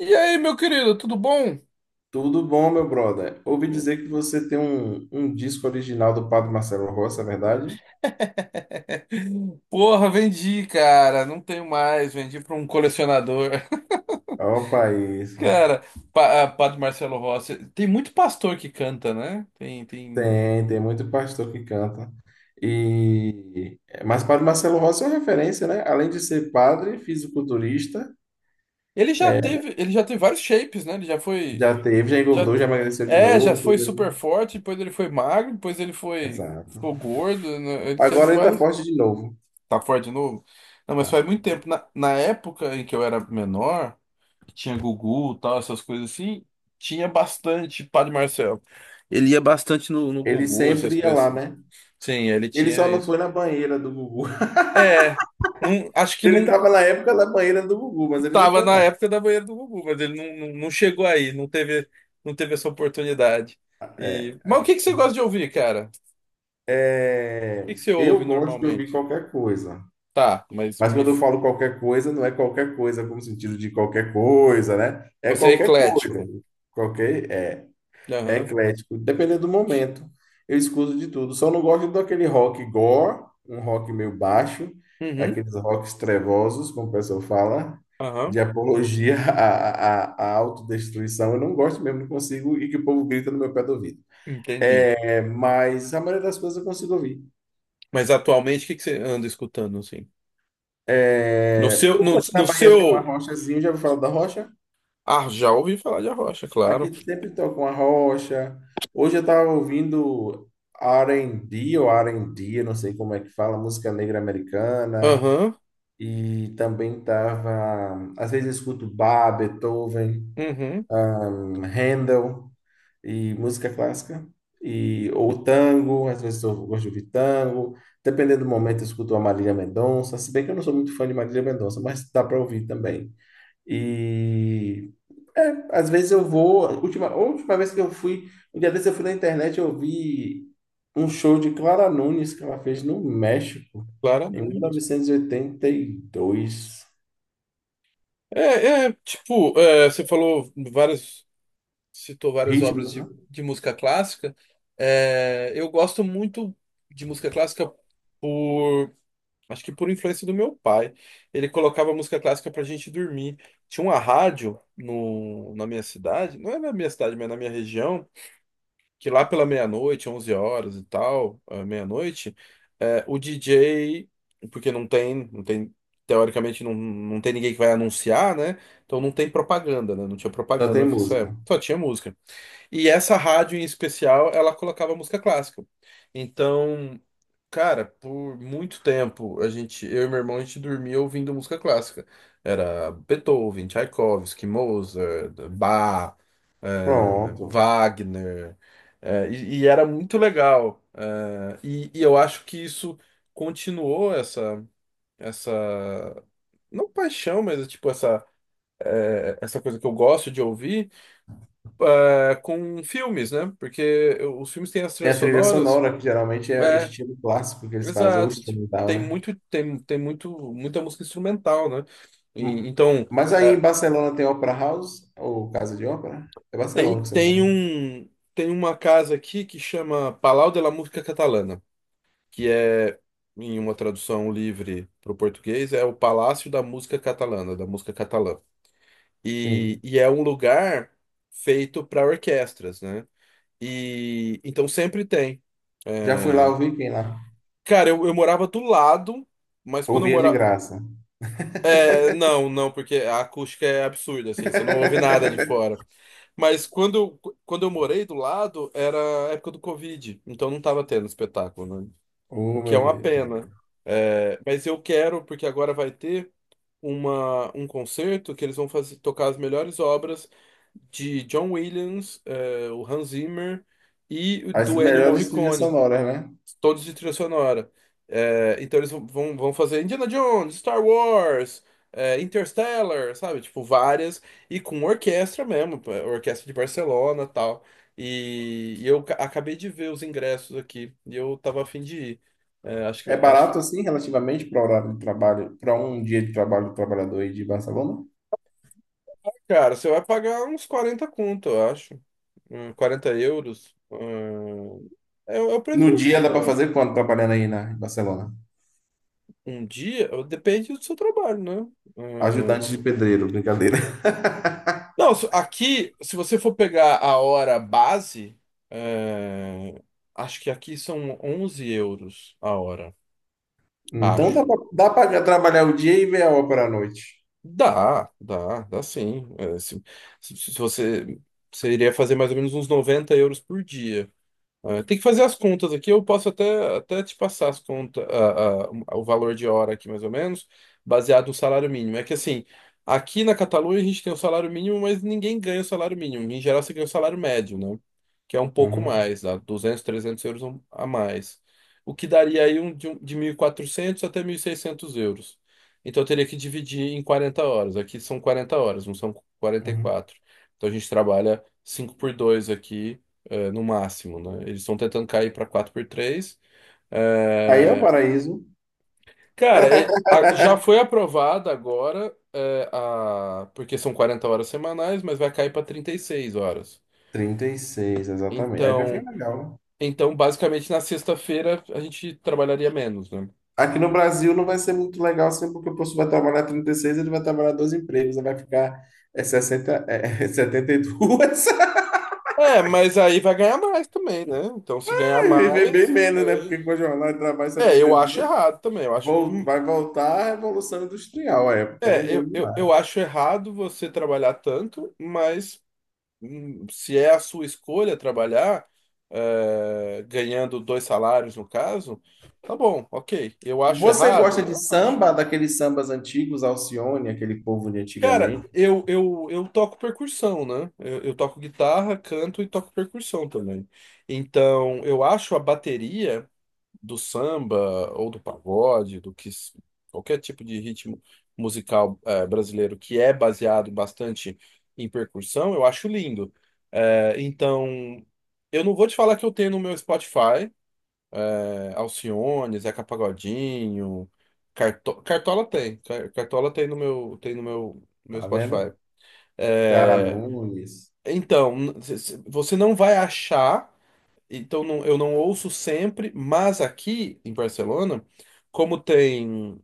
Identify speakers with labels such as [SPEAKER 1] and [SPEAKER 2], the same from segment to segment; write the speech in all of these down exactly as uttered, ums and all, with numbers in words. [SPEAKER 1] E aí, meu querido, tudo bom?
[SPEAKER 2] Tudo bom, meu brother? Ouvi dizer que você tem um, um disco original do Padre Marcelo Rossi, é verdade?
[SPEAKER 1] Porra, vendi, cara. Não tenho mais. Vendi para um colecionador.
[SPEAKER 2] Opa, isso.
[SPEAKER 1] Cara, pa- ah, Padre Marcelo Rossi. Tem muito pastor que canta, né? Tem, tem.
[SPEAKER 2] Tem, tem muito pastor que canta. E mas Padre Marcelo Rossi é uma referência, né? Além de ser padre, fisiculturista,
[SPEAKER 1] Ele já teve, ele já teve vários shapes, né? Ele já foi,
[SPEAKER 2] já teve, já
[SPEAKER 1] já
[SPEAKER 2] engordou, já
[SPEAKER 1] t-
[SPEAKER 2] emagreceu de
[SPEAKER 1] é, já
[SPEAKER 2] novo,
[SPEAKER 1] foi super
[SPEAKER 2] entendeu?
[SPEAKER 1] forte. Depois ele foi magro. Depois ele foi,
[SPEAKER 2] Exato.
[SPEAKER 1] ficou gordo, né? Ele teve
[SPEAKER 2] Agora ele tá
[SPEAKER 1] vários.
[SPEAKER 2] forte de novo.
[SPEAKER 1] Tá fora de novo? Não, mas faz
[SPEAKER 2] Tá.
[SPEAKER 1] muito tempo. Na, na época em que eu era menor, que tinha Gugu, tal, essas coisas assim, tinha bastante Padre Marcelo. Ele ia bastante no, no
[SPEAKER 2] Ele
[SPEAKER 1] Gugu, essas
[SPEAKER 2] sempre ia
[SPEAKER 1] coisas
[SPEAKER 2] lá,
[SPEAKER 1] assim.
[SPEAKER 2] né?
[SPEAKER 1] Sim, ele
[SPEAKER 2] Ele
[SPEAKER 1] tinha
[SPEAKER 2] só não
[SPEAKER 1] isso.
[SPEAKER 2] foi na banheira do Gugu.
[SPEAKER 1] É, não, acho que
[SPEAKER 2] Ele
[SPEAKER 1] não
[SPEAKER 2] tava na época da banheira do Gugu, mas ele não
[SPEAKER 1] tava
[SPEAKER 2] foi,
[SPEAKER 1] na
[SPEAKER 2] não.
[SPEAKER 1] época da banheira do Gugu, mas ele não, não, não chegou aí, não teve, não teve essa oportunidade. E,
[SPEAKER 2] É.
[SPEAKER 1] mas o
[SPEAKER 2] É.
[SPEAKER 1] que que você gosta de ouvir, cara? O
[SPEAKER 2] É,
[SPEAKER 1] que que você ouve
[SPEAKER 2] eu gosto de ouvir
[SPEAKER 1] normalmente?
[SPEAKER 2] qualquer coisa.
[SPEAKER 1] Tá, mas
[SPEAKER 2] Mas
[SPEAKER 1] me-
[SPEAKER 2] quando eu falo qualquer coisa, não é qualquer coisa como sentido de qualquer coisa, né? É
[SPEAKER 1] você é
[SPEAKER 2] qualquer coisa.
[SPEAKER 1] eclético.
[SPEAKER 2] Qualquer, é, é
[SPEAKER 1] Aham.
[SPEAKER 2] eclético, dependendo do momento. Eu escuto de tudo. Só não gosto daquele rock gore, um rock meio baixo,
[SPEAKER 1] Uhum.
[SPEAKER 2] aqueles rocks trevosos, como o pessoal fala, de
[SPEAKER 1] Aham.
[SPEAKER 2] apologia à, à, à autodestruição. Eu não gosto mesmo, não consigo, e que o povo grita no meu pé do ouvido.
[SPEAKER 1] Entendi.
[SPEAKER 2] É, mas a maioria das coisas eu consigo ouvir.
[SPEAKER 1] Mas atualmente, o que que você anda escutando, assim? No
[SPEAKER 2] É,
[SPEAKER 1] seu, no,
[SPEAKER 2] tudo aqui na
[SPEAKER 1] no
[SPEAKER 2] Bahia tem uma
[SPEAKER 1] seu...
[SPEAKER 2] rochazinha, já ouviu falar da rocha?
[SPEAKER 1] Ah, já ouvi falar de Arrocha, claro.
[SPEAKER 2] Aqui sempre toca uma rocha. Hoje eu estava ouvindo R B ou R D, eu não sei como é que fala, música negra americana.
[SPEAKER 1] Aham,
[SPEAKER 2] E também tava, às vezes eu escuto Bach, Beethoven,
[SPEAKER 1] uhum,
[SPEAKER 2] ahn, Handel e música clássica. E, ou tango, às vezes eu gosto de ouvir tango. Dependendo do momento, eu escuto a Marília Mendonça. Se bem que eu não sou muito fã de Marília Mendonça, mas dá para ouvir também. E é, às vezes eu vou. a Última, a última vez que eu fui, um dia desse eu fui na internet, eu vi um show de Clara Nunes que ela fez no México em
[SPEAKER 1] claramente.
[SPEAKER 2] mil novecentos e oitenta e dois.
[SPEAKER 1] É, é, tipo, é, você falou várias. Citou várias obras
[SPEAKER 2] Ritmos, né?
[SPEAKER 1] de, de música clássica. É, eu gosto muito de música clássica. por... Acho que por influência do meu pai. Ele colocava música clássica pra gente dormir. Tinha uma rádio no, na minha cidade. Não é na minha cidade, mas na minha região que lá pela meia-noite, onze horas e tal, ah, meia-noite, é, o D J, porque não tem, não tem, teoricamente não, não tem ninguém que vai anunciar, né? Então não tem propaganda, né? Não tinha
[SPEAKER 2] Só
[SPEAKER 1] propaganda
[SPEAKER 2] tem
[SPEAKER 1] nessa
[SPEAKER 2] música.
[SPEAKER 1] época, só tinha música. E essa rádio em especial, ela colocava música clássica. Então, cara, por muito tempo, a gente, eu e meu irmão, a gente dormia ouvindo música clássica. Era Beethoven, Tchaikovsky, Mozart, Bach, eh,
[SPEAKER 2] Pronto.
[SPEAKER 1] Wagner. eh, e, e era muito legal. eh, e, e eu acho que isso continuou essa, essa, não paixão, mas tipo essa, eh, essa coisa que eu gosto de ouvir é, com filmes, né? Porque os filmes têm as
[SPEAKER 2] Tem
[SPEAKER 1] trilhas
[SPEAKER 2] a trilha
[SPEAKER 1] sonoras.
[SPEAKER 2] sonora, que geralmente é
[SPEAKER 1] É,
[SPEAKER 2] estilo clássico que eles fazem, ou
[SPEAKER 1] exato. Tipo,
[SPEAKER 2] instrumental,
[SPEAKER 1] tem
[SPEAKER 2] né?
[SPEAKER 1] muito, tem, tem muito, muita música instrumental, né? E,
[SPEAKER 2] Hum.
[SPEAKER 1] então,
[SPEAKER 2] Mas aí em
[SPEAKER 1] é,
[SPEAKER 2] Barcelona tem Opera House, ou Casa de Ópera? É
[SPEAKER 1] tem,
[SPEAKER 2] Barcelona que você
[SPEAKER 1] tem
[SPEAKER 2] mora.
[SPEAKER 1] um, tem uma casa aqui que chama Palau de la Música Catalana, que é, em uma tradução livre para o português, é o Palácio da Música Catalana, da música catalã. E,
[SPEAKER 2] Sim.
[SPEAKER 1] e é um lugar feito para orquestras, né? E então sempre tem.
[SPEAKER 2] Já fui lá, ouvir quem lá?
[SPEAKER 1] Cara, eu, eu morava do lado, mas quando eu
[SPEAKER 2] Ouvia de
[SPEAKER 1] morava.
[SPEAKER 2] graça.
[SPEAKER 1] É, não, não, porque a acústica é absurda, assim, você não ouve nada de fora. Mas quando, eu- quando eu morei do lado, era a época do Covid, então não tava tendo espetáculo, né? O
[SPEAKER 2] Oh,
[SPEAKER 1] que é
[SPEAKER 2] meu
[SPEAKER 1] uma
[SPEAKER 2] Deus.
[SPEAKER 1] pena. É, mas eu quero, porque agora vai ter uma, um concerto que eles vão fazer, tocar as melhores obras de John Williams, é, o Hans Zimmer e
[SPEAKER 2] As
[SPEAKER 1] do Ennio
[SPEAKER 2] melhores trilhas
[SPEAKER 1] Morricone,
[SPEAKER 2] sonoras, né?
[SPEAKER 1] todos de trilha sonora. É, então eles vão, vão vão fazer Indiana Jones, Star Wars, é, Interstellar, sabe? Tipo, várias, e com orquestra mesmo, pô, orquestra de Barcelona tal. E e eu ca- acabei de ver os ingressos aqui, e eu tava a fim de ir. É, acho que,
[SPEAKER 2] É
[SPEAKER 1] acho que,
[SPEAKER 2] barato assim, relativamente, para horário de trabalho, para um dia de trabalho do trabalhador aí de Barcelona?
[SPEAKER 1] cara, você vai pagar uns quarenta conto, eu acho. Hum, quarenta euros. Hum, é o é o preço
[SPEAKER 2] No
[SPEAKER 1] de um
[SPEAKER 2] dia dá para
[SPEAKER 1] show.
[SPEAKER 2] fazer quanto trabalhando aí na em Barcelona?
[SPEAKER 1] Um dia, depende do seu trabalho, né?
[SPEAKER 2] Ajudante de pedreiro, brincadeira.
[SPEAKER 1] Não, se- aqui, se você for pegar a hora base, é, acho que aqui são onze euros a hora,
[SPEAKER 2] Então
[SPEAKER 1] acho.
[SPEAKER 2] dá para trabalhar o dia e ver a ópera à noite.
[SPEAKER 1] Dá, dá, dá sim. É, se, se- se você, você iria fazer mais ou menos uns noventa euros por dia. Ah, tem que fazer as contas aqui. Eu posso até, até te passar as contas, a- a- o valor de hora aqui, mais ou menos, baseado no salário mínimo. É que assim, aqui na Catalunha a gente tem o salário mínimo, mas ninguém ganha o salário mínimo. Em geral, você ganha o salário médio, né? Que é um pouco
[SPEAKER 2] Uhum,
[SPEAKER 1] mais, dá duzentos trezentos euros um, a mais. O que daria aí, um, de, um- de mil e quatrocentos até mil e seiscentos euros. Então, eu teria que dividir em quarenta horas. Aqui são quarenta horas, não são quarenta e
[SPEAKER 2] uhum.
[SPEAKER 1] quatro Então, a gente trabalha cinco por dois aqui, é, no máximo, né? Eles estão tentando cair para quatro por três.
[SPEAKER 2] Aí é o
[SPEAKER 1] É,
[SPEAKER 2] paraíso.
[SPEAKER 1] cara, e- a- já foi aprovada agora, é, a... porque são quarenta horas semanais, mas vai cair para trinta e seis horas.
[SPEAKER 2] trinta e seis, exatamente. Aí vai ficar
[SPEAKER 1] Então,
[SPEAKER 2] legal, né?
[SPEAKER 1] então, basicamente, na sexta-feira a gente trabalharia menos, né?
[SPEAKER 2] Aqui no Brasil não vai ser muito legal assim, porque o professor vai trabalhar trinta e seis, ele vai trabalhar dois empregos, aí vai ficar é, sessenta, é, setenta e dois.
[SPEAKER 1] É, mas aí vai ganhar mais também, né? Então, se ganhar
[SPEAKER 2] Vai viver bem
[SPEAKER 1] mais.
[SPEAKER 2] menos, né?
[SPEAKER 1] aí-
[SPEAKER 2] Porque com a jornada de trabalho
[SPEAKER 1] É, eu acho
[SPEAKER 2] setenta e duas,
[SPEAKER 1] errado também. Eu acho.
[SPEAKER 2] vol-
[SPEAKER 1] hum,
[SPEAKER 2] vai voltar a Revolução Industrial, a época, né?
[SPEAKER 1] É, eu,
[SPEAKER 2] Do
[SPEAKER 1] eu, eu
[SPEAKER 2] mar.
[SPEAKER 1] acho errado você trabalhar tanto, mas. hum, se é a sua escolha trabalhar, é, ganhando dois salários no caso, tá bom, ok. Eu acho
[SPEAKER 2] Você gosta
[SPEAKER 1] errado?
[SPEAKER 2] de
[SPEAKER 1] Eu acho.
[SPEAKER 2] samba, daqueles sambas antigos, Alcione, aquele povo de
[SPEAKER 1] Cara,
[SPEAKER 2] antigamente,
[SPEAKER 1] eu, eu, eu toco percussão, né? Eu, eu toco guitarra, canto e toco percussão também. Então, eu acho a bateria do samba ou do pagode, do que s- qualquer tipo de ritmo musical, eh, brasileiro, que é baseado bastante em percussão, eu acho lindo. É, Então, eu não vou te falar que eu tenho no meu Spotify, é, Alcione, Zeca Pagodinho, Carto- Cartola tem, Car- Cartola tem no meu, tem no meu, meu
[SPEAKER 2] tá
[SPEAKER 1] Spotify.
[SPEAKER 2] vendo? Clara
[SPEAKER 1] É,
[SPEAKER 2] Nunes.
[SPEAKER 1] Então, n- c- c- você não vai achar, então não- eu não ouço sempre, mas aqui em Barcelona, como tem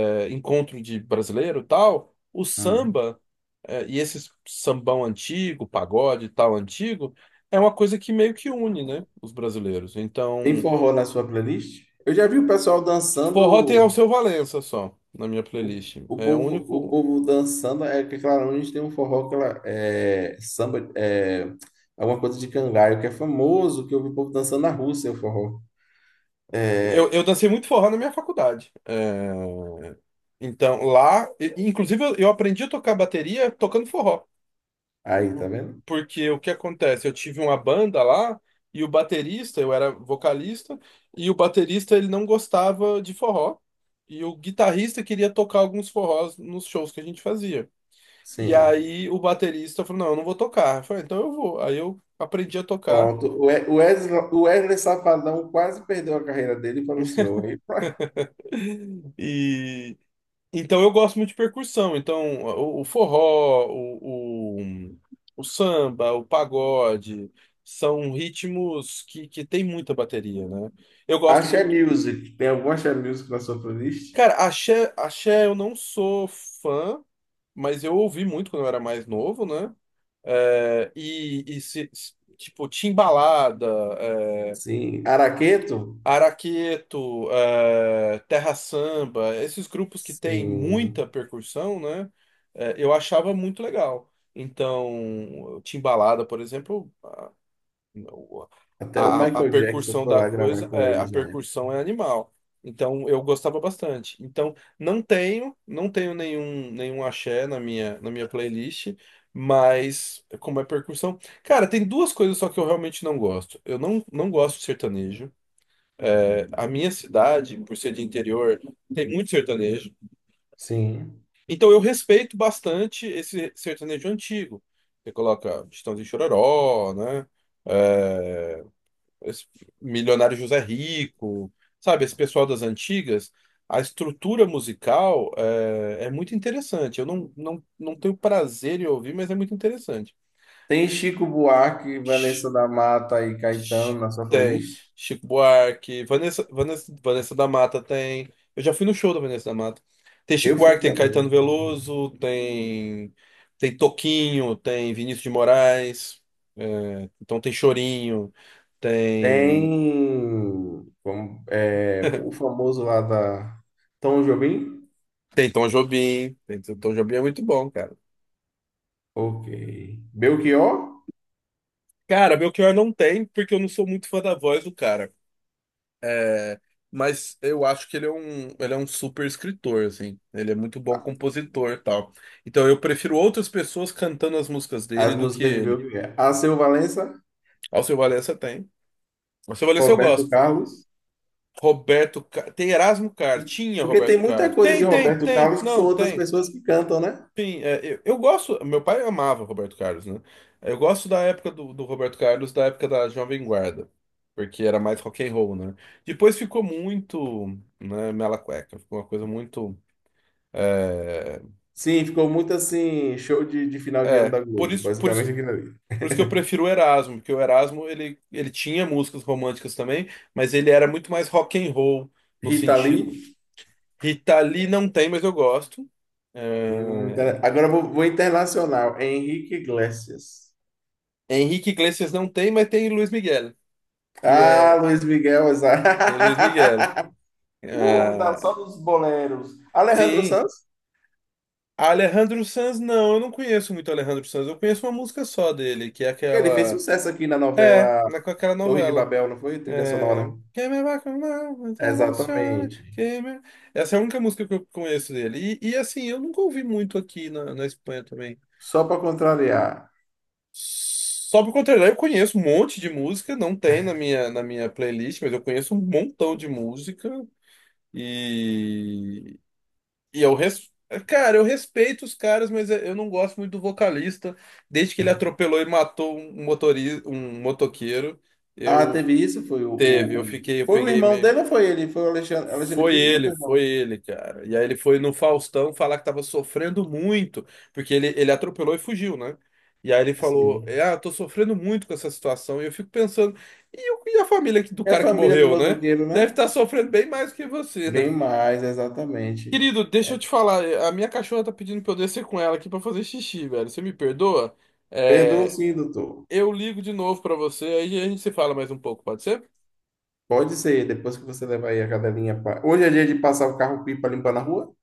[SPEAKER 1] é, encontro de brasileiro e tal, o
[SPEAKER 2] Hum.
[SPEAKER 1] samba, é, e esse sambão antigo, pagode e tal antigo, é uma coisa que meio que une, né, os brasileiros.
[SPEAKER 2] Tem
[SPEAKER 1] Então,
[SPEAKER 2] forró na sua playlist? Eu já vi o pessoal
[SPEAKER 1] forró tem
[SPEAKER 2] dançando,
[SPEAKER 1] Alceu Valença só, na minha
[SPEAKER 2] o,
[SPEAKER 1] playlist.
[SPEAKER 2] o
[SPEAKER 1] É o
[SPEAKER 2] povo, o
[SPEAKER 1] único.
[SPEAKER 2] povo dançando, é que Clara Nunes tem um forró que ela é samba, é alguma coisa de cangaio, que é famoso, que eu vi o povo dançando na Rússia, o forró.
[SPEAKER 1] Eu, eu dancei muito forró na minha faculdade. É, então, lá, e- inclusive, eu eu aprendi a tocar bateria tocando forró.
[SPEAKER 2] Aí, tá
[SPEAKER 1] Por-
[SPEAKER 2] vendo?
[SPEAKER 1] Porque o que acontece? Eu tive uma banda lá e o baterista, eu era vocalista, e o baterista ele não gostava de forró. E o guitarrista queria tocar alguns forrós nos shows que a gente fazia. E
[SPEAKER 2] Sim.
[SPEAKER 1] aí o baterista falou: Não, eu não vou tocar. Eu falei: Então eu vou. Aí eu aprendi a tocar.
[SPEAKER 2] Pronto. O We- o Wesley, o Wesley Safadão quase perdeu a carreira dele para o senhor, hein?
[SPEAKER 1] E então eu gosto muito de percussão. Então o, o forró, o, o, o samba, o pagode são ritmos que, que tem muita bateria, né? Eu gosto
[SPEAKER 2] Axé
[SPEAKER 1] muito.
[SPEAKER 2] Music. Tem algum Axé Music na sua playlist?
[SPEAKER 1] Cara, axé, axé eu não sou fã, mas eu ouvi muito quando eu era mais novo, né? É, e, e se, se- tipo, Timbalada, é,
[SPEAKER 2] Sim. Araqueto?
[SPEAKER 1] Araqueto, é, Terra Samba, esses grupos que tem
[SPEAKER 2] Sim.
[SPEAKER 1] muita percussão, né? É, eu achava muito legal. Então, Timbalada, por exemplo, o-
[SPEAKER 2] Até o
[SPEAKER 1] A, a a
[SPEAKER 2] Michael Jackson
[SPEAKER 1] percussão
[SPEAKER 2] foi
[SPEAKER 1] da
[SPEAKER 2] lá
[SPEAKER 1] coisa,
[SPEAKER 2] gravar com
[SPEAKER 1] é, a
[SPEAKER 2] eles na época.
[SPEAKER 1] percussão é animal. Então eu gostava bastante. Então não tenho, não tenho nenhum nenhum axé na minha na minha playlist, mas como é percussão, cara, tem duas coisas só que eu realmente não gosto. Eu não não gosto de sertanejo. É, a minha cidade, por ser de interior, tem muito sertanejo.
[SPEAKER 2] Sim.
[SPEAKER 1] Então eu respeito bastante esse sertanejo antigo. Você coloca Chitãozinho e Chororó, né? É, esse milionário José Rico, sabe, esse pessoal das antigas, a estrutura musical é, é muito interessante. Eu não, não, não tenho prazer em ouvir, mas é muito interessante.
[SPEAKER 2] Tem Chico Buarque,
[SPEAKER 1] Ch-
[SPEAKER 2] Vanessa da Mata e Caetano
[SPEAKER 1] ch-
[SPEAKER 2] na sua
[SPEAKER 1] Tem
[SPEAKER 2] playlist?
[SPEAKER 1] Chico Buarque, Vanessa, Vanessa, Vanessa da Mata tem. Eu já fui no show da Vanessa da Mata. Tem Chico
[SPEAKER 2] Eu fui
[SPEAKER 1] Buarque, tem
[SPEAKER 2] também.
[SPEAKER 1] Caetano Veloso, tem tem Toquinho, tem Vinícius de Moraes, é, então tem Chorinho. Tem
[SPEAKER 2] Tem como, é, o famoso lá da Tom Jobim?
[SPEAKER 1] Tem Tom Jobim. Tem Tom Jobim, é muito bom, cara.
[SPEAKER 2] Ok. Belchior?
[SPEAKER 1] Cara, Belchior não tem, porque eu não sou muito fã da voz do cara. É, mas eu acho que ele é um, ele é um super escritor, assim. Ele é muito bom compositor e tal. Então eu prefiro outras pessoas cantando as músicas dele
[SPEAKER 2] As
[SPEAKER 1] do que
[SPEAKER 2] músicas de
[SPEAKER 1] ele.
[SPEAKER 2] Belchior. Alceu Valença,
[SPEAKER 1] Alceu Valença tem. Alceu Valença eu
[SPEAKER 2] Roberto
[SPEAKER 1] gosto.
[SPEAKER 2] Carlos.
[SPEAKER 1] Roberto... Car- Tem Erasmo Carr. Tinha
[SPEAKER 2] Porque tem
[SPEAKER 1] Roberto
[SPEAKER 2] muita
[SPEAKER 1] Carlos.
[SPEAKER 2] coisa de
[SPEAKER 1] Tem, tem,
[SPEAKER 2] Roberto
[SPEAKER 1] tem.
[SPEAKER 2] Carlos que são
[SPEAKER 1] Não,
[SPEAKER 2] outras
[SPEAKER 1] tem.
[SPEAKER 2] pessoas que cantam, né?
[SPEAKER 1] Sim, é, eu, eu gosto. Meu pai amava Roberto Carlos, né? Eu gosto da época do do Roberto Carlos, da época da Jovem Guarda, porque era mais rock and roll, né? Depois ficou muito, né, mela cueca, ficou uma coisa muito. É,
[SPEAKER 2] Sim, ficou muito assim, show de, de final de ano
[SPEAKER 1] é
[SPEAKER 2] da
[SPEAKER 1] por
[SPEAKER 2] Globo,
[SPEAKER 1] isso, por
[SPEAKER 2] basicamente
[SPEAKER 1] isso,
[SPEAKER 2] aquilo ali.
[SPEAKER 1] por isso que eu prefiro o Erasmo, porque o Erasmo, ele, ele tinha músicas românticas também, mas ele era muito mais rock and roll no
[SPEAKER 2] Rita
[SPEAKER 1] sentido.
[SPEAKER 2] Lee.
[SPEAKER 1] Rita Lee não tem, mas eu gosto.
[SPEAKER 2] Hum,
[SPEAKER 1] É,
[SPEAKER 2] inter- agora eu vou, vou internacional. Henrique Iglesias.
[SPEAKER 1] Henrique Iglesias não tem, mas tem Luiz Miguel. Que
[SPEAKER 2] Ah,
[SPEAKER 1] é
[SPEAKER 2] Luiz Miguel, exato.
[SPEAKER 1] Tem Luiz Miguel.
[SPEAKER 2] O homem tá só
[SPEAKER 1] Ah,
[SPEAKER 2] nos boleros. Alejandro
[SPEAKER 1] sim.
[SPEAKER 2] Sanz,
[SPEAKER 1] Alejandro Sanz, não, eu não conheço muito Alejandro Sanz. Eu conheço uma música só dele, que é
[SPEAKER 2] ele fez
[SPEAKER 1] aquela.
[SPEAKER 2] sucesso aqui na
[SPEAKER 1] É,
[SPEAKER 2] novela
[SPEAKER 1] né, com aquela
[SPEAKER 2] Torre de
[SPEAKER 1] novela.
[SPEAKER 2] Babel, não foi? Trilha
[SPEAKER 1] É...
[SPEAKER 2] sonora.
[SPEAKER 1] Quem me apaixonar, mas emociona,
[SPEAKER 2] Exatamente.
[SPEAKER 1] quem me- essa é a única música que eu conheço dele. E, e, assim, eu nunca ouvi muito aqui na, na Espanha também.
[SPEAKER 2] Só para contrariar.
[SPEAKER 1] Só por contrário, eu conheço um monte de música, não tem na minha, na minha playlist, mas eu conheço um montão de música. E, E eu res... Cara, eu respeito os caras, mas eu não gosto muito do vocalista. Desde que ele atropelou e matou um motorista, um motoqueiro,
[SPEAKER 2] Ah,
[SPEAKER 1] eu
[SPEAKER 2] teve isso? Foi o,
[SPEAKER 1] teve,
[SPEAKER 2] o,
[SPEAKER 1] eu
[SPEAKER 2] o-
[SPEAKER 1] fiquei, eu
[SPEAKER 2] foi o
[SPEAKER 1] peguei
[SPEAKER 2] irmão
[SPEAKER 1] meio.
[SPEAKER 2] dele ou foi ele? Foi o Alexandre, Alexandre
[SPEAKER 1] Foi
[SPEAKER 2] Pires ou
[SPEAKER 1] ele,
[SPEAKER 2] foi o
[SPEAKER 1] foi
[SPEAKER 2] irmão?
[SPEAKER 1] ele, cara. E aí ele foi no Faustão falar que tava sofrendo muito, porque ele, ele atropelou e fugiu, né? E aí ele falou, é,
[SPEAKER 2] Sim.
[SPEAKER 1] ah, eu tô sofrendo muito com essa situação. E eu fico pensando, e, o- e a família do
[SPEAKER 2] É a
[SPEAKER 1] cara que
[SPEAKER 2] família do
[SPEAKER 1] morreu, né?
[SPEAKER 2] motoqueiro,
[SPEAKER 1] Deve
[SPEAKER 2] né?
[SPEAKER 1] estar sofrendo bem mais que você, né?
[SPEAKER 2] Bem mais, exatamente.
[SPEAKER 1] Querido, deixa eu te falar, eh, a minha cachorra tá pedindo pra eu descer com ela aqui pra fazer xixi, velho. Você me perdoa?
[SPEAKER 2] Perdoa
[SPEAKER 1] É,
[SPEAKER 2] sim, doutor.
[SPEAKER 1] eu ligo de novo pra você, aí a gente se fala mais um pouco, pode ser?
[SPEAKER 2] Pode ser, depois que você levar aí a cadelinha. pra- Hoje é dia de passar o carro-pipa limpar na rua?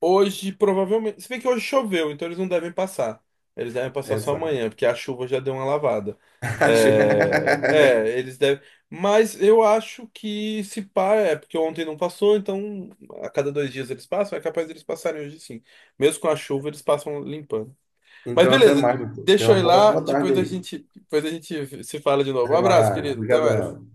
[SPEAKER 1] Hoje, provavelmente. Se bem que hoje choveu, então eles não devem passar. Eles devem passar só
[SPEAKER 2] Exato.
[SPEAKER 1] amanhã, porque a chuva já deu uma lavada. É, é, eles devem. Mas eu acho que se pá, é porque ontem não passou, então a cada dois dias eles passam, é capaz deles passarem hoje sim. Mesmo com a chuva, eles passam limpando. Mas
[SPEAKER 2] Então, até
[SPEAKER 1] beleza,
[SPEAKER 2] mais, doutor. Tenha
[SPEAKER 1] deixa eu
[SPEAKER 2] uma
[SPEAKER 1] ir
[SPEAKER 2] boa,
[SPEAKER 1] lá,
[SPEAKER 2] boa tarde
[SPEAKER 1] depois a
[SPEAKER 2] aí.
[SPEAKER 1] gente, depois a gente se fala de novo. Um
[SPEAKER 2] Até
[SPEAKER 1] abraço,
[SPEAKER 2] mais.
[SPEAKER 1] querido. Até
[SPEAKER 2] Obrigadão.
[SPEAKER 1] mais.